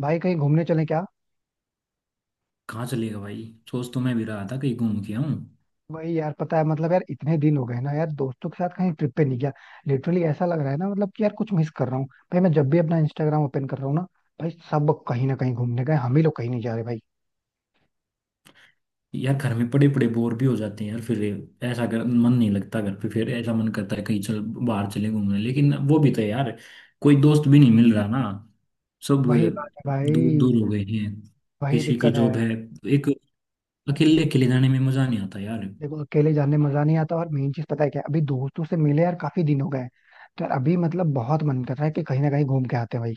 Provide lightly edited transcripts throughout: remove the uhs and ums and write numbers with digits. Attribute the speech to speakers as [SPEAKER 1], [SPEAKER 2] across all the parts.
[SPEAKER 1] भाई कहीं घूमने चले क्या?
[SPEAKER 2] कहाँ चलेगा भाई। सोच तो मैं भी रहा था कहीं घूम के आऊं।
[SPEAKER 1] वही यार पता है मतलब यार इतने दिन हो गए ना यार दोस्तों के साथ कहीं ट्रिप पे नहीं गया. लिटरली ऐसा लग रहा है ना मतलब कि यार कुछ मिस कर रहा हूँ. भाई मैं जब भी अपना इंस्टाग्राम ओपन कर रहा हूँ ना. भाई सब कहीं ना कहीं घूमने गए हम ही लोग कहीं नहीं जा रहे भाई.
[SPEAKER 2] यार घर में पड़े पड़े बोर भी हो जाते हैं यार फिर। ऐसा कर मन नहीं लगता घर पे, फिर ऐसा मन करता है कहीं चल बाहर चले घूमने, लेकिन वो भी तो है यार, कोई दोस्त भी नहीं मिल रहा ना। सब
[SPEAKER 1] वही बात है
[SPEAKER 2] दूर
[SPEAKER 1] भाई.
[SPEAKER 2] दूर हो गए हैं।
[SPEAKER 1] वही
[SPEAKER 2] किसी की
[SPEAKER 1] दिक्कत है.
[SPEAKER 2] जॉब है। एक, अकेले अकेले जाने में मजा नहीं आता यार।
[SPEAKER 1] देखो अकेले जाने में मजा नहीं आता और मेन चीज पता है क्या है? अभी दोस्तों से मिले यार काफी दिन हो गए. तो यार अभी मतलब बहुत मन कर रहा है कि कहीं ना कहीं घूम के आते हैं भाई.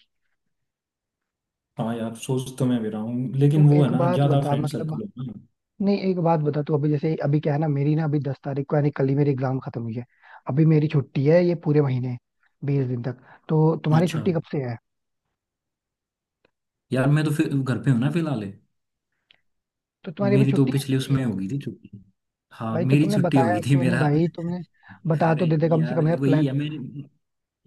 [SPEAKER 2] हाँ यार, सोच तो मैं भी रहा हूँ,
[SPEAKER 1] तो
[SPEAKER 2] लेकिन वो है
[SPEAKER 1] एक
[SPEAKER 2] ना
[SPEAKER 1] बात
[SPEAKER 2] ज्यादा
[SPEAKER 1] बता
[SPEAKER 2] फ्रेंड
[SPEAKER 1] मतलब.
[SPEAKER 2] सर्कल हो ना।
[SPEAKER 1] नहीं एक बात बता तू अभी जैसे अभी क्या है ना मेरी ना अभी 10 तारीख को यानी कल ही मेरी एग्जाम खत्म हुई है. अभी मेरी छुट्टी है ये पूरे महीने. 20 दिन तक. तो तुम्हारी
[SPEAKER 2] अच्छा।
[SPEAKER 1] छुट्टी कब से है?
[SPEAKER 2] यार मैं तो फिर घर पे हूँ ना फिलहाल।
[SPEAKER 1] तो तुम्हारी अभी
[SPEAKER 2] मेरी तो
[SPEAKER 1] छुट्टी है
[SPEAKER 2] पिछले
[SPEAKER 1] छुट्टी
[SPEAKER 2] उसमें
[SPEAKER 1] है.
[SPEAKER 2] हो गई थी छुट्टी। हाँ
[SPEAKER 1] भाई तो
[SPEAKER 2] मेरी
[SPEAKER 1] तुमने
[SPEAKER 2] छुट्टी हो
[SPEAKER 1] बताया
[SPEAKER 2] गई थी
[SPEAKER 1] क्यों नहीं
[SPEAKER 2] मेरा।
[SPEAKER 1] भाई तुमने. बता तो
[SPEAKER 2] अरे,
[SPEAKER 1] देते कम से
[SPEAKER 2] यार
[SPEAKER 1] कम यार
[SPEAKER 2] वही
[SPEAKER 1] प्लान.
[SPEAKER 2] है। मैं,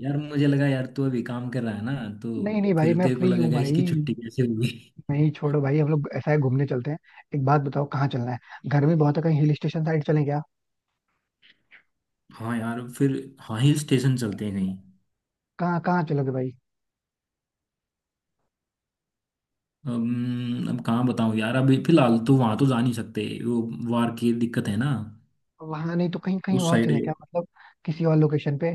[SPEAKER 2] यार मुझे लगा यार तू अभी काम कर रहा है ना, तो
[SPEAKER 1] नहीं नहीं भाई
[SPEAKER 2] फिर
[SPEAKER 1] मैं
[SPEAKER 2] तेरे को
[SPEAKER 1] फ्री हूँ
[SPEAKER 2] लगेगा इसकी
[SPEAKER 1] भाई.
[SPEAKER 2] छुट्टी कैसे होगी।
[SPEAKER 1] नहीं छोड़ो भाई हम लोग ऐसा है घूमने चलते हैं. एक बात बताओ कहाँ चलना है? गर्मी बहुत है कहीं हिल स्टेशन साइड चलें क्या?
[SPEAKER 2] हाँ यार फिर। हाँ, हिल स्टेशन चलते हैं कहीं।
[SPEAKER 1] कहाँ कहाँ चलोगे भाई?
[SPEAKER 2] अब कहाँ बताऊँ यार, अभी फिलहाल तो वहां तो जा नहीं सकते वो। वार की दिक्कत है ना।
[SPEAKER 1] वहां नहीं तो कहीं कहीं
[SPEAKER 2] उस
[SPEAKER 1] और
[SPEAKER 2] साइड।
[SPEAKER 1] चलें क्या मतलब? किसी और लोकेशन पे.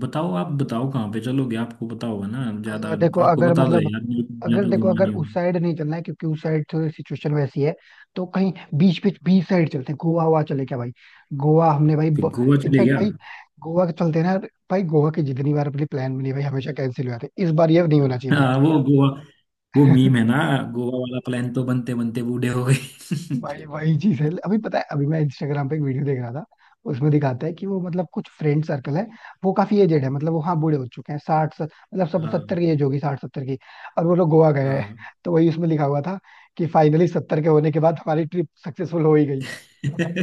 [SPEAKER 2] बताओ, आप बताओ कहाँ पे चलोगे, आपको पता होगा ना ज्यादा।
[SPEAKER 1] देखो
[SPEAKER 2] आपको
[SPEAKER 1] अगर
[SPEAKER 2] बता दो
[SPEAKER 1] मतलब.
[SPEAKER 2] यार, मैं तो
[SPEAKER 1] अगर
[SPEAKER 2] ज्यादा
[SPEAKER 1] देखो
[SPEAKER 2] घूमा
[SPEAKER 1] अगर
[SPEAKER 2] नहीं
[SPEAKER 1] उस
[SPEAKER 2] हूँ।
[SPEAKER 1] साइड नहीं चलना है क्योंकि उस साइड थोड़ी सिचुएशन वैसी है. तो कहीं. बीच बीच बीच साइड चलते हैं गोवा हुआ चले क्या भाई? गोवा हमने भाई.
[SPEAKER 2] फिर गोवा चले
[SPEAKER 1] इनफैक्ट
[SPEAKER 2] गया।
[SPEAKER 1] भाई. गोवा के चलते हैं ना. भाई गोवा की जितनी बार अपनी प्लान बनी है भाई हमेशा कैंसिल हो जाते हैं इस बार ये नहीं होना चाहिए.
[SPEAKER 2] हाँ, वो गोवा, वो
[SPEAKER 1] भाई
[SPEAKER 2] मीम है ना। गोवा वाला प्लान तो बनते बनते बूढ़े हो गए।
[SPEAKER 1] भाई वही चीज है अभी पता है अभी मैं इंस्टाग्राम पे एक वीडियो देख रहा था. उसमें दिखाता है कि वो मतलब कुछ फ्रेंड सर्कल है. वो काफी एजेड है मतलब वो हाँ बूढ़े हो चुके हैं मतलब सब
[SPEAKER 2] हाँ
[SPEAKER 1] सत्तर की एज होगी 60 70 की. और वो लोग गोवा गए हैं
[SPEAKER 2] हाँ।
[SPEAKER 1] तो वही उसमें लिखा हुआ था. कि फाइनली 70 के होने के बाद हमारी ट्रिप सक्सेसफुल हो ही गई.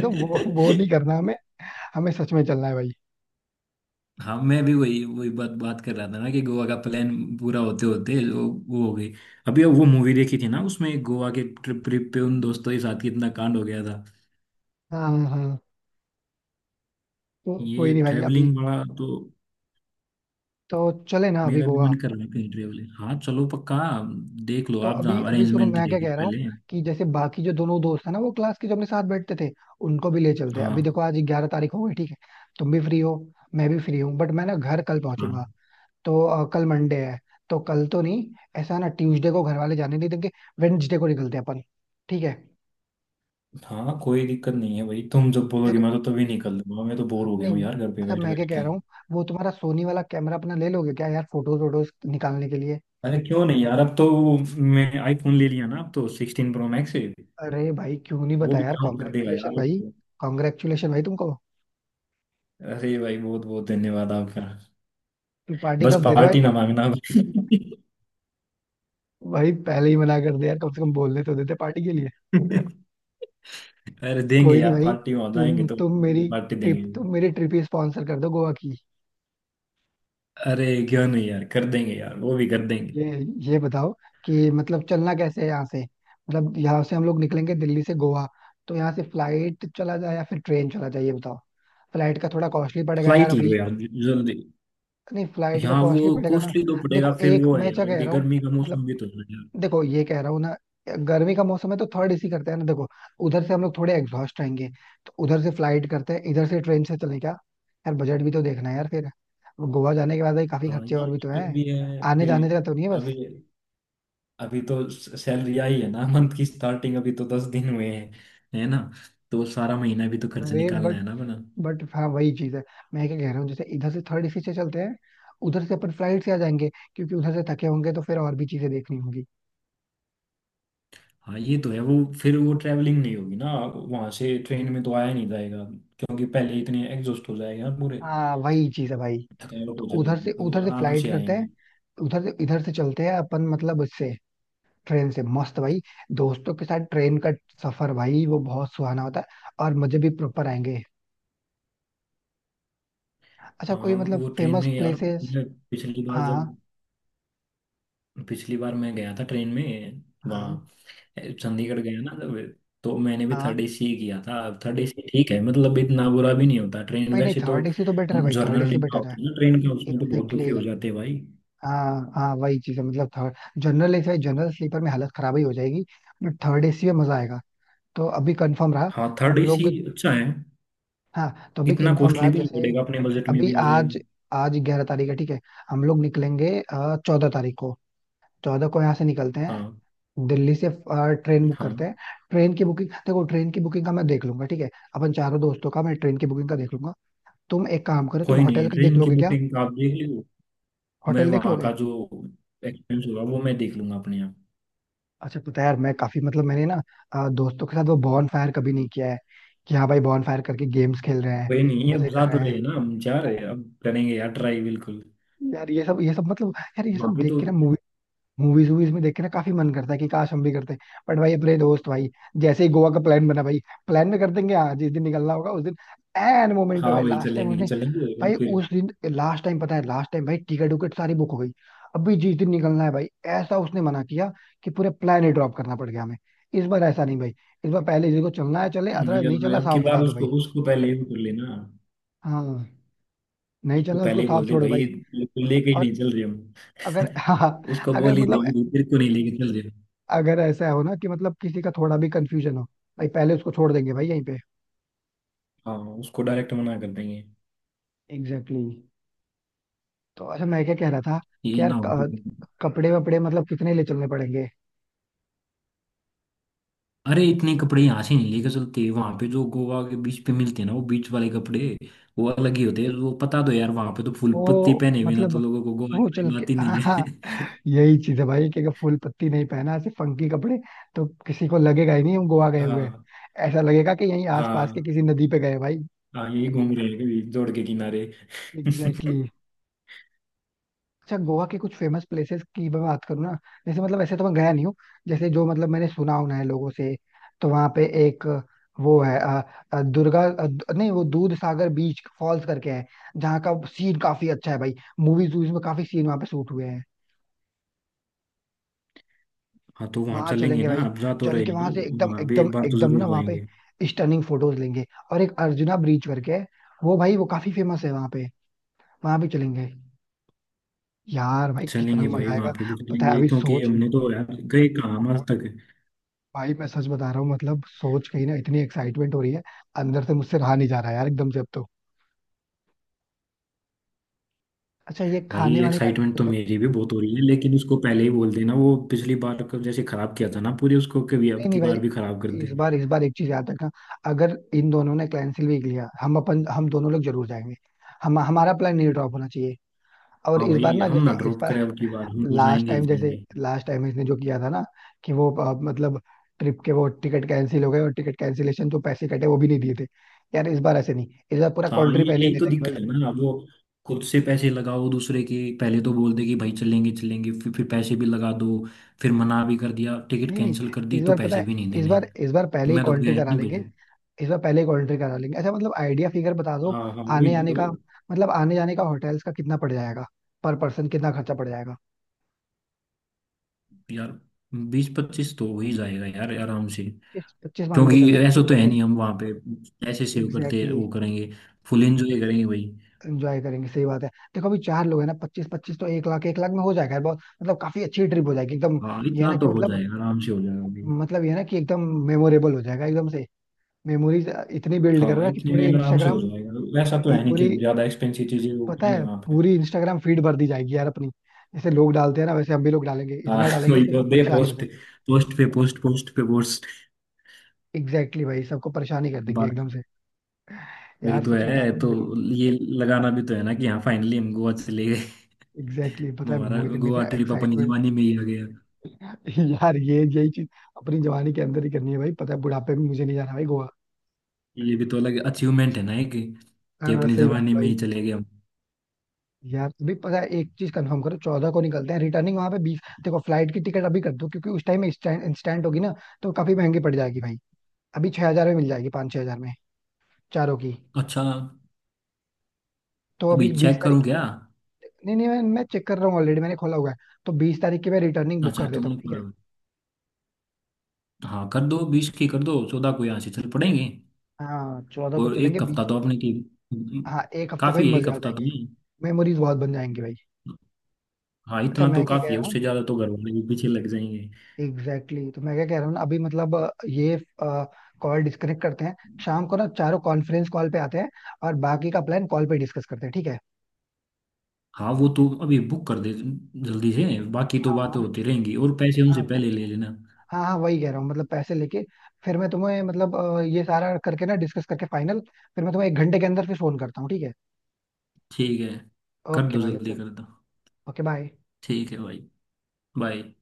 [SPEAKER 1] तो वो नहीं करना हमें. हमें सच में चलना है भाई.
[SPEAKER 2] हाँ, मैं भी वही वही बात बात कर रहा था ना कि गोवा का प्लान पूरा होते होते वो हो गई। अभी वो मूवी देखी थी ना, उसमें एक गोवा के ट्रिप ट्रिप पे उन दोस्तों के साथ कितना कांड हो गया था।
[SPEAKER 1] हाँ, हाँ, हाँ. तो कोई
[SPEAKER 2] ये
[SPEAKER 1] नहीं भाई अभी.
[SPEAKER 2] ट्रेवलिंग बड़ा तो
[SPEAKER 1] तो चले ना अभी
[SPEAKER 2] मेरा भी
[SPEAKER 1] गोवा?
[SPEAKER 2] मन कर रहा है कहीं ट्रेवलिंग। हाँ चलो पक्का। देख लो
[SPEAKER 1] तो
[SPEAKER 2] आप,
[SPEAKER 1] अभी
[SPEAKER 2] जहाँ
[SPEAKER 1] अभी सुनो
[SPEAKER 2] अरेंजमेंट
[SPEAKER 1] मैं क्या
[SPEAKER 2] देख लो
[SPEAKER 1] कह रहा हूँ.
[SPEAKER 2] पहले।
[SPEAKER 1] कि जैसे बाकी जो दोनों दोस्त है ना वो क्लास के जो अपने साथ बैठते थे. उनको भी ले चलते हैं अभी
[SPEAKER 2] हाँ
[SPEAKER 1] देखो आज 11 तारीख हो गई ठीक है. तुम भी फ्री हो. मैं भी फ्री हूँ बट मैं ना घर कल
[SPEAKER 2] हाँ
[SPEAKER 1] पहुंचूंगा. तो कल मंडे है. तो कल तो नहीं. ऐसा ना ट्यूसडे को घर वाले जाने नहीं देंगे. वेडनेसडे को निकलते हैं अपन. ठीक है.
[SPEAKER 2] हाँ। कोई दिक्कत नहीं है भाई, तुम जब बोलोगे
[SPEAKER 1] यार.
[SPEAKER 2] मैं तो तभी निकल लूंगा, मैं तो बोर हो गया
[SPEAKER 1] नहीं.
[SPEAKER 2] हूँ यार घर पे
[SPEAKER 1] अच्छा
[SPEAKER 2] बैठ
[SPEAKER 1] मैं क्या
[SPEAKER 2] बैठ
[SPEAKER 1] कह
[SPEAKER 2] के।
[SPEAKER 1] रहा हूँ. वो तुम्हारा सोनी वाला कैमरा अपना ले लोगे क्या यार फोटोज वोटोज निकालने के लिए?
[SPEAKER 2] अरे क्यों नहीं यार, अब तो मैं आईफोन ले लिया ना, अब तो 16 प्रो मैक्स है।
[SPEAKER 1] अरे भाई क्यों नहीं
[SPEAKER 2] वो
[SPEAKER 1] बताया
[SPEAKER 2] भी
[SPEAKER 1] यार
[SPEAKER 2] काम कर देगा
[SPEAKER 1] कॉन्ग्रेचुलेशन
[SPEAKER 2] यार अब
[SPEAKER 1] भाई.
[SPEAKER 2] तो।
[SPEAKER 1] कॉन्ग्रेचुलेशन भाई तुमको.
[SPEAKER 2] अरे भाई बहुत बहुत धन्यवाद आपका।
[SPEAKER 1] तुम पार्टी
[SPEAKER 2] बस
[SPEAKER 1] कब दे रहे
[SPEAKER 2] पार्टी
[SPEAKER 1] हो
[SPEAKER 2] ना
[SPEAKER 1] भाई?
[SPEAKER 2] मांगना।
[SPEAKER 1] भाई पहले ही मना कर दिया कम से कम बोलने तो देते पार्टी के लिए.
[SPEAKER 2] अरे देंगे
[SPEAKER 1] कोई नहीं
[SPEAKER 2] यार
[SPEAKER 1] भाई.
[SPEAKER 2] पार्टी, वहां जाएंगे
[SPEAKER 1] तुम
[SPEAKER 2] तो
[SPEAKER 1] तुम मेरी.
[SPEAKER 2] पार्टी देंगे।
[SPEAKER 1] ट्रिप तुम मेरी ट्रिप ही स्पॉन्सर कर दो गोवा की.
[SPEAKER 2] अरे क्यों नहीं यार, कर देंगे यार, वो भी कर देंगे।
[SPEAKER 1] ये. ये बताओ. कि मतलब चलना कैसे है यहाँ से मतलब यहाँ से हम लोग निकलेंगे दिल्ली से गोवा. तो यहाँ से फ्लाइट चला जाए या फिर ट्रेन चला जाए ये बताओ. फ्लाइट का थोड़ा कॉस्टली पड़ेगा यार
[SPEAKER 2] फ्लाइट ले
[SPEAKER 1] अभी.
[SPEAKER 2] लो यार, जल्दी।
[SPEAKER 1] नहीं फ्लाइट का
[SPEAKER 2] यहाँ वो
[SPEAKER 1] कॉस्टली पड़ेगा ना.
[SPEAKER 2] कॉस्टली तो पड़ेगा,
[SPEAKER 1] देखो
[SPEAKER 2] फिर
[SPEAKER 1] एक
[SPEAKER 2] वो है
[SPEAKER 1] मैं क्या
[SPEAKER 2] यार
[SPEAKER 1] कह
[SPEAKER 2] अभी
[SPEAKER 1] रहा हूँ.
[SPEAKER 2] गर्मी का मौसम भी तो है।
[SPEAKER 1] देखो ये कह रहा हूँ ना. गर्मी का मौसम है तो थर्ड एसी करते हैं ना देखो. उधर से हम लोग थोड़े एग्जॉस्ट आएंगे. तो उधर से फ्लाइट करते हैं इधर से ट्रेन से चले क्या? यार बजट भी तो देखना है यार फिर. गोवा जाने के बाद भाई काफी
[SPEAKER 2] हाँ
[SPEAKER 1] खर्चे और
[SPEAKER 2] ये
[SPEAKER 1] भी तो
[SPEAKER 2] दिक्कत
[SPEAKER 1] हैं.
[SPEAKER 2] भी है
[SPEAKER 1] आने
[SPEAKER 2] अभी।
[SPEAKER 1] जाने का तो नहीं है बस.
[SPEAKER 2] अभी अभी तो सैलरी आई है ना, मंथ की स्टार्टिंग अभी तो 10 दिन हुए हैं, है ना। तो सारा महीना भी तो खर्च
[SPEAKER 1] अरे
[SPEAKER 2] निकालना
[SPEAKER 1] बट.
[SPEAKER 2] है ना बना।
[SPEAKER 1] बट हाँ वही चीज है. मैं क्या कह रहा हूँ जैसे इधर से थर्ड एसी से चलते हैं. उधर से अपन फ्लाइट से आ जाएंगे. क्योंकि उधर से थके होंगे तो फिर और भी चीजें देखनी होंगी.
[SPEAKER 2] हाँ ये तो है वो। फिर वो ट्रैवलिंग नहीं होगी ना, वहां से ट्रेन में तो आया नहीं जाएगा, क्योंकि पहले इतने एग्जॉस्ट हो जाएगा पूरे।
[SPEAKER 1] हाँ वही चीज है भाई.
[SPEAKER 2] थकावट
[SPEAKER 1] तो
[SPEAKER 2] हो
[SPEAKER 1] उधर
[SPEAKER 2] जाएगी
[SPEAKER 1] से
[SPEAKER 2] तो
[SPEAKER 1] उधर से
[SPEAKER 2] आराम
[SPEAKER 1] फ्लाइट
[SPEAKER 2] से
[SPEAKER 1] करते
[SPEAKER 2] आएंगे।
[SPEAKER 1] हैं. उधर से इधर से चलते हैं अपन मतलब उससे. ट्रेन से मस्त भाई. दोस्तों के साथ ट्रेन का. सफर भाई वो बहुत सुहाना होता है. और मजे भी प्रॉपर आएंगे. अच्छा कोई
[SPEAKER 2] हाँ
[SPEAKER 1] मतलब
[SPEAKER 2] वो ट्रेन
[SPEAKER 1] फेमस
[SPEAKER 2] में यार,
[SPEAKER 1] प्लेसेस.
[SPEAKER 2] मैं पिछली बार जब,
[SPEAKER 1] हाँ,
[SPEAKER 2] पिछली बार मैं गया था ट्रेन में
[SPEAKER 1] हाँ,
[SPEAKER 2] वहाँ, चंडीगढ़ गया ना जब, तो मैंने भी
[SPEAKER 1] हाँ.
[SPEAKER 2] थर्ड एसी ही किया था। थर्ड एसी ठीक है, मतलब इतना बुरा भी नहीं होता ट्रेन
[SPEAKER 1] भाई नहीं
[SPEAKER 2] वैसे तो।
[SPEAKER 1] थर्ड एसी तो बेटर है भाई थर्ड
[SPEAKER 2] जर्नल
[SPEAKER 1] एसी
[SPEAKER 2] डिब्बा
[SPEAKER 1] बेटर है.
[SPEAKER 2] होता है ना ट्रेन का, उसमें तो बहुत
[SPEAKER 1] एग्जैक्टली
[SPEAKER 2] दुखी हो
[SPEAKER 1] exactly.
[SPEAKER 2] जाते हैं भाई।
[SPEAKER 1] हाँ हाँ वही चीज है मतलब third. General AC general sleeper में हालत खराब ही हो जाएगी. बट थर्ड एसी में मजा आएगा. तो अभी कंफर्म रहा.
[SPEAKER 2] हाँ, थर्ड
[SPEAKER 1] हम लोग.
[SPEAKER 2] एसी अच्छा है।
[SPEAKER 1] हाँ तो अभी
[SPEAKER 2] इतना
[SPEAKER 1] कंफर्म रहा
[SPEAKER 2] कॉस्टली भी नहीं
[SPEAKER 1] जैसे.
[SPEAKER 2] पड़ेगा, अपने बजट में
[SPEAKER 1] अभी
[SPEAKER 2] भी आ जाएगा।
[SPEAKER 1] आज. आज 11 तारीख है ठीक है. हम लोग निकलेंगे 14 तारीख को. चौदह को यहाँ से निकलते हैं.
[SPEAKER 2] हाँ
[SPEAKER 1] दिल्ली से ट्रेन बुक
[SPEAKER 2] हाँ।
[SPEAKER 1] करते हैं. ट्रेन की बुकिंग देखो ट्रेन की बुकिंग का मैं देख लूंगा ठीक है. अपन चारों दोस्तों का मैं ट्रेन की बुकिंग का देख लूंगा. तुम एक काम करो तुम
[SPEAKER 2] कोई
[SPEAKER 1] होटल
[SPEAKER 2] नहीं,
[SPEAKER 1] का देख
[SPEAKER 2] ट्रेन की
[SPEAKER 1] लोगे क्या?
[SPEAKER 2] बुकिंग आप देख लो, मैं
[SPEAKER 1] होटल देख
[SPEAKER 2] वहाँ का
[SPEAKER 1] लोगे?
[SPEAKER 2] जो एक्सपेंस होगा वो मैं देख लूंगा अपने यहाँ।
[SPEAKER 1] अच्छा पता है यार मैं काफी मतलब मैंने ना. दोस्तों के साथ वो बॉन फायर कभी नहीं किया है. कि हाँ भाई बॉन फायर करके गेम्स खेल रहे हैं.
[SPEAKER 2] कोई नहीं, अब
[SPEAKER 1] मजे
[SPEAKER 2] जा
[SPEAKER 1] कर
[SPEAKER 2] तो
[SPEAKER 1] रहे
[SPEAKER 2] रहे
[SPEAKER 1] हैं.
[SPEAKER 2] हैं ना, हम जा रहे हैं, अब करेंगे यार ट्राई बिल्कुल।
[SPEAKER 1] यार ये सब मतलब यार ये
[SPEAKER 2] वहाँ
[SPEAKER 1] सब
[SPEAKER 2] पे
[SPEAKER 1] देख
[SPEAKER 2] तो।
[SPEAKER 1] के ना मूवी. मूवीज वूवीज में देख के ना काफी मन करता है कि काश हम भी करते. बट भाई अपने दोस्त भाई. जैसे ही गोवा का प्लान बना भाई. प्लान में कर देंगे हाँ जिस दिन निकलना होगा उस दिन. एन मोमेंट पे
[SPEAKER 2] हाँ,
[SPEAKER 1] भाई
[SPEAKER 2] वही
[SPEAKER 1] लास्ट टाइम
[SPEAKER 2] चलेंगे
[SPEAKER 1] उसने.
[SPEAKER 2] चलेंगे और
[SPEAKER 1] भाई
[SPEAKER 2] फिर
[SPEAKER 1] उस दिन लास्ट टाइम पता है लास्ट टाइम भाई टिकट विकेट सारी बुक हो गई. अभी जिस दिन निकलना है भाई. ऐसा उसने मना किया. कि पूरे प्लान ही ड्रॉप करना पड़ गया हमें. इस बार ऐसा नहीं भाई. इस बार पहले जिसको चलना है चले
[SPEAKER 2] नहीं।
[SPEAKER 1] अदरवाइज नहीं
[SPEAKER 2] अब
[SPEAKER 1] चलना
[SPEAKER 2] अब की
[SPEAKER 1] साफ
[SPEAKER 2] बार
[SPEAKER 1] बता दो
[SPEAKER 2] उसको
[SPEAKER 1] भाई.
[SPEAKER 2] उसको पहले ही बोल लेना।
[SPEAKER 1] हाँ. नहीं
[SPEAKER 2] उसको
[SPEAKER 1] चलना उसको
[SPEAKER 2] पहले ही
[SPEAKER 1] साफ
[SPEAKER 2] बोल दे
[SPEAKER 1] छोड़ दो
[SPEAKER 2] भाई,
[SPEAKER 1] भाई.
[SPEAKER 2] बिल्कुल लेके ही
[SPEAKER 1] और.
[SPEAKER 2] नहीं चल रहे हम।
[SPEAKER 1] अगर हाँ.
[SPEAKER 2] उसको
[SPEAKER 1] अगर
[SPEAKER 2] बोल ही
[SPEAKER 1] मतलब.
[SPEAKER 2] देंगे भाई, तेरे को नहीं लेके चल रहे।
[SPEAKER 1] अगर ऐसा हो ना कि मतलब किसी का थोड़ा भी कंफ्यूजन हो. भाई पहले उसको छोड़ देंगे भाई यहीं पे.
[SPEAKER 2] हाँ, उसको डायरेक्ट मना कर देंगे।
[SPEAKER 1] Exactly exactly. तो अच्छा मैं क्या कह रहा था. कि
[SPEAKER 2] ये
[SPEAKER 1] यार
[SPEAKER 2] ना हो।
[SPEAKER 1] कपड़े वपड़े मतलब कितने ले चलने पड़ेंगे.
[SPEAKER 2] अरे इतने कपड़े यहाँ से नहीं लेके चलते, वहां पे जो गोवा के बीच पे मिलते हैं ना वो बीच वाले कपड़े, वो अलग ही होते हैं। वो पता तो यार वहां पे, तो फुल पत्ती
[SPEAKER 1] वो
[SPEAKER 2] पहने बिना तो
[SPEAKER 1] मतलब.
[SPEAKER 2] लोगों को गोवा की
[SPEAKER 1] वो चल
[SPEAKER 2] कोई
[SPEAKER 1] के
[SPEAKER 2] बात ही
[SPEAKER 1] हाँ
[SPEAKER 2] नहीं
[SPEAKER 1] हाँ.
[SPEAKER 2] है।
[SPEAKER 1] यही चीज है भाई कि अगर फूल पत्ती नहीं पहना ऐसे फंकी कपड़े. तो किसी को लगेगा ही नहीं हम गोवा गए हुए हैं.
[SPEAKER 2] हाँ
[SPEAKER 1] ऐसा लगेगा कि यहीं आसपास के
[SPEAKER 2] हाँ
[SPEAKER 1] किसी नदी पे गए भाई.
[SPEAKER 2] हाँ, यही घूम रहे हैं कभी जोड़ के किनारे।
[SPEAKER 1] एग्जैक्टली. अच्छा गोवा के कुछ फेमस प्लेसेस की मैं बात करूँ ना. जैसे मतलब ऐसे तो मैं गया नहीं हूँ. जैसे जो मतलब मैंने सुना होना है लोगों से. तो वहाँ पे एक. वो है नहीं वो दूध सागर बीच फॉल्स करके है. जहाँ का सीन काफी अच्छा है भाई. मूवीज वूवीज में काफी सीन वहाँ पे शूट हुए हैं.
[SPEAKER 2] हाँ तो वहाँ
[SPEAKER 1] वहाँ
[SPEAKER 2] चलेंगे
[SPEAKER 1] चलेंगे
[SPEAKER 2] ना,
[SPEAKER 1] भाई.
[SPEAKER 2] अब जा तो
[SPEAKER 1] चल
[SPEAKER 2] रहे
[SPEAKER 1] के
[SPEAKER 2] हैं
[SPEAKER 1] वहाँ से
[SPEAKER 2] ना,
[SPEAKER 1] एकदम
[SPEAKER 2] वहाँ भी
[SPEAKER 1] एकदम
[SPEAKER 2] एक बार तो
[SPEAKER 1] एकदम
[SPEAKER 2] जरूर
[SPEAKER 1] ना वहाँ पे.
[SPEAKER 2] जाएंगे।
[SPEAKER 1] स्टनिंग फोटोज लेंगे. और एक अर्जुना ब्रिज करके है. वो भाई वो काफी फेमस है वहाँ पे. वहाँ भी चलेंगे. यार भाई कितना
[SPEAKER 2] चलेंगे
[SPEAKER 1] मजा
[SPEAKER 2] भाई, वहाँ
[SPEAKER 1] आएगा.
[SPEAKER 2] पे भी
[SPEAKER 1] पता है
[SPEAKER 2] चलेंगे,
[SPEAKER 1] अभी
[SPEAKER 2] क्योंकि
[SPEAKER 1] सोच.
[SPEAKER 2] हमने तो यार गए कहाँ आज तक।
[SPEAKER 1] भाई मैं सच बता रहा हूँ मतलब सोच के ही ना इतनी एक्साइटमेंट हो रही है. अंदर से मुझसे रहा नहीं जा रहा है यार एकदम से अब तो. अच्छा ये
[SPEAKER 2] भाई
[SPEAKER 1] खाने वाने का.
[SPEAKER 2] एक्साइटमेंट तो मेरी भी बहुत हो रही है, लेकिन उसको पहले ही बोल देना, वो पिछली बार का जैसे खराब किया था ना पूरी, उसको कभी अब
[SPEAKER 1] नहीं
[SPEAKER 2] की
[SPEAKER 1] नहीं
[SPEAKER 2] बार भी खराब कर
[SPEAKER 1] भाई
[SPEAKER 2] दे।
[SPEAKER 1] इस बार एक चीज याद रखना. अगर इन दोनों ने कैंसिल भी किया हम अपन हम दोनों लोग जरूर जाएंगे. हम हमारा प्लान नहीं ड्रॉप होना चाहिए. और
[SPEAKER 2] हाँ
[SPEAKER 1] इस बार
[SPEAKER 2] भाई
[SPEAKER 1] ना
[SPEAKER 2] हम ना
[SPEAKER 1] जैसे इस
[SPEAKER 2] ड्रॉप
[SPEAKER 1] बार.
[SPEAKER 2] करें, अब की बार हम तो
[SPEAKER 1] लास्ट
[SPEAKER 2] जाएंगे ही
[SPEAKER 1] टाइम जैसे
[SPEAKER 2] जाएंगे।
[SPEAKER 1] लास्ट टाइम इसने जो किया था ना. कि वो मतलब. ट्रिप के वो टिकट कैंसिल हो गए और टिकट कैंसिलेशन जो पैसे कटे वो भी नहीं दिए थे. यार इस बार ऐसे नहीं इस बार पूरा
[SPEAKER 2] हाँ
[SPEAKER 1] कंट्री
[SPEAKER 2] ये
[SPEAKER 1] पहले ले
[SPEAKER 2] यही तो दिक्कत
[SPEAKER 1] लेंगे.
[SPEAKER 2] है ना, अब वो, खुद से पैसे लगाओ दूसरे के, पहले तो बोल दे कि भाई चलेंगे चलेंगे, फिर पैसे भी लगा दो, फिर मना भी कर दिया, टिकट
[SPEAKER 1] नहीं नहीं
[SPEAKER 2] कैंसिल कर दी,
[SPEAKER 1] इस
[SPEAKER 2] तो
[SPEAKER 1] बार पता
[SPEAKER 2] पैसे
[SPEAKER 1] है.
[SPEAKER 2] भी नहीं देने।
[SPEAKER 1] इस बार पहले ही
[SPEAKER 2] मैं तो गया
[SPEAKER 1] कॉन्ट्री
[SPEAKER 2] ही
[SPEAKER 1] करा
[SPEAKER 2] नहीं
[SPEAKER 1] लेंगे.
[SPEAKER 2] भाई।
[SPEAKER 1] इस बार पहले ही कॉन्ट्री करा लेंगे अच्छा मतलब आइडिया फिगर बता दो.
[SPEAKER 2] हाँ हाँ
[SPEAKER 1] आने
[SPEAKER 2] वही
[SPEAKER 1] आने
[SPEAKER 2] तो।
[SPEAKER 1] का. मतलब आने जाने का होटल्स का कितना पड़ जाएगा. पर पर्सन कितना खर्चा पड़ जाएगा?
[SPEAKER 2] यार 20-25 तो हो ही जाएगा यार आराम से,
[SPEAKER 1] पच्चीस पच्चीस मान के चलते
[SPEAKER 2] क्योंकि
[SPEAKER 1] हैं क्योंकि
[SPEAKER 2] ऐसा तो
[SPEAKER 1] उधर
[SPEAKER 2] है
[SPEAKER 1] से.
[SPEAKER 2] नहीं हम वहाँ पे पैसे सेव करते
[SPEAKER 1] एग्जैक्टली.
[SPEAKER 2] वो करेंगे। फुल एंजॉय करेंगे भाई।
[SPEAKER 1] एंजॉय करेंगे सही बात है. देखो अभी चार लोग हैं ना 25 25 तो एक लाख में हो जाएगा बहुत मतलब काफी अच्छी ट्रिप हो जाएगी एकदम.
[SPEAKER 2] हाँ
[SPEAKER 1] ये है
[SPEAKER 2] इतना
[SPEAKER 1] ना कि
[SPEAKER 2] तो हो
[SPEAKER 1] मतलब.
[SPEAKER 2] जाएगा, आराम से हो जाएगा भाई।
[SPEAKER 1] मतलब ये है ना कि एकदम. मेमोरेबल हो जाएगा एकदम से. मेमोरीज. इतनी बिल्ड करो
[SPEAKER 2] हाँ,
[SPEAKER 1] ना कि
[SPEAKER 2] इतने
[SPEAKER 1] पूरे
[SPEAKER 2] में आराम से हो
[SPEAKER 1] इंस्टाग्राम.
[SPEAKER 2] जाएगा, वैसा तो है नहीं कि
[SPEAKER 1] पूरी
[SPEAKER 2] हम ज्यादा एक्सपेंसिव चीजें वो
[SPEAKER 1] पता
[SPEAKER 2] करेंगे
[SPEAKER 1] है
[SPEAKER 2] वहाँ पे।
[SPEAKER 1] पूरी इंस्टाग्राम फीड भर दी जाएगी यार अपनी. जैसे लोग डालते हैं ना वैसे हम भी लोग डालेंगे
[SPEAKER 2] हाँ
[SPEAKER 1] इतना डालेंगे
[SPEAKER 2] वही
[SPEAKER 1] कि
[SPEAKER 2] तो
[SPEAKER 1] सब
[SPEAKER 2] दे,
[SPEAKER 1] परेशानी हो
[SPEAKER 2] पोस्ट
[SPEAKER 1] जाए.
[SPEAKER 2] पोस्ट पे पोस्ट, पोस्ट पे पोस्ट।
[SPEAKER 1] एग्जैक्टली exactly भाई सबको परेशानी कर देंगे
[SPEAKER 2] बात
[SPEAKER 1] एकदम से.
[SPEAKER 2] वही
[SPEAKER 1] यार
[SPEAKER 2] तो
[SPEAKER 1] सच बता
[SPEAKER 2] है
[SPEAKER 1] रहा हूँ
[SPEAKER 2] तो,
[SPEAKER 1] मेरी.
[SPEAKER 2] ये लगाना भी तो है ना कि हाँ फाइनली हम गोवा चले गए।
[SPEAKER 1] एग्जैक्टली exactly, पता है
[SPEAKER 2] हमारा
[SPEAKER 1] मुझे
[SPEAKER 2] गोवा
[SPEAKER 1] मेरा
[SPEAKER 2] ट्रिप अपनी
[SPEAKER 1] एक्साइटमेंट.
[SPEAKER 2] जवानी में ही आ गया।
[SPEAKER 1] यार ये यही चीज. अपनी जवानी के अंदर ही करनी है भाई पता है बुढ़ापे में मुझे नहीं जाना भाई गोवा.
[SPEAKER 2] ये भी तो अलग अचीवमेंट है ना एक,
[SPEAKER 1] हाँ
[SPEAKER 2] कि
[SPEAKER 1] हाँ,
[SPEAKER 2] अपनी
[SPEAKER 1] सही बात
[SPEAKER 2] जवानी
[SPEAKER 1] है
[SPEAKER 2] में ही
[SPEAKER 1] भाई.
[SPEAKER 2] चले गए हम।
[SPEAKER 1] यार अभी पता है एक चीज कंफर्म करो 14 को निकलते हैं रिटर्निंग वहां पे 20 देखो फ्लाइट की टिकट अभी कर दो क्योंकि उस टाइम में इंस्टेंट होगी ना. तो काफी महंगी पड़ जाएगी भाई. अभी 6 हजार में मिल जाएगी 5-6 हजार में. चारों की.
[SPEAKER 2] अच्छा,
[SPEAKER 1] तो
[SPEAKER 2] अभी
[SPEAKER 1] अभी 20.
[SPEAKER 2] चेक करूँ क्या।
[SPEAKER 1] नहीं नहीं मैं चेक कर रहा हूँ ऑलरेडी मैंने खोला हुआ है. तो 20 तारीख की मैं रिटर्निंग बुक
[SPEAKER 2] अच्छा
[SPEAKER 1] कर देता हूँ
[SPEAKER 2] तुमने
[SPEAKER 1] ठीक है.
[SPEAKER 2] बोला। हाँ कर दो, 20 की कर दो, 14 को यहाँ से चल पड़ेंगे।
[SPEAKER 1] हाँ 14 को
[SPEAKER 2] और
[SPEAKER 1] चलेंगे
[SPEAKER 2] एक हफ्ता
[SPEAKER 1] 20
[SPEAKER 2] तो
[SPEAKER 1] को.
[SPEAKER 2] अपने की
[SPEAKER 1] हाँ एक हफ्ते भाई
[SPEAKER 2] काफी है,
[SPEAKER 1] मजे
[SPEAKER 2] एक
[SPEAKER 1] आ
[SPEAKER 2] हफ्ता तो
[SPEAKER 1] जाएंगे.
[SPEAKER 2] नहीं।
[SPEAKER 1] मेमोरीज बहुत बन जाएंगी भाई.
[SPEAKER 2] हाँ
[SPEAKER 1] अच्छा
[SPEAKER 2] इतना तो
[SPEAKER 1] मैं क्या कह
[SPEAKER 2] काफी है,
[SPEAKER 1] रहा हूँ.
[SPEAKER 2] उससे ज्यादा तो घर वाले भी पीछे लग जाएंगे।
[SPEAKER 1] Exactly exactly. तो मैं क्या कह रहा हूँ ना अभी मतलब ये. कॉल डिस्कनेक्ट करते हैं. शाम को ना चारों कॉन्फ्रेंस कॉल पे आते हैं. और बाकी का प्लान कॉल पे डिस्कस करते हैं ठीक है.
[SPEAKER 2] हाँ वो तो अभी बुक कर दे, जल्दी से, बाकी तो
[SPEAKER 1] हाँ
[SPEAKER 2] बातें
[SPEAKER 1] हाँ.
[SPEAKER 2] होती रहेंगी और पैसे
[SPEAKER 1] हाँ
[SPEAKER 2] उनसे पहले ले लेना।
[SPEAKER 1] हाँ हाँ वही कह रहा हूँ मतलब पैसे लेके. फिर मैं तुम्हें मतलब ये सारा करके ना डिस्कस करके फाइनल. फिर मैं तुम्हें 1 घंटे के अंदर फिर फोन करता हूँ ठीक है.
[SPEAKER 2] ठीक है, कर
[SPEAKER 1] ओके
[SPEAKER 2] दो
[SPEAKER 1] भाई ओके.
[SPEAKER 2] जल्दी कर दो।
[SPEAKER 1] Okay bye.
[SPEAKER 2] ठीक है भाई। बाय।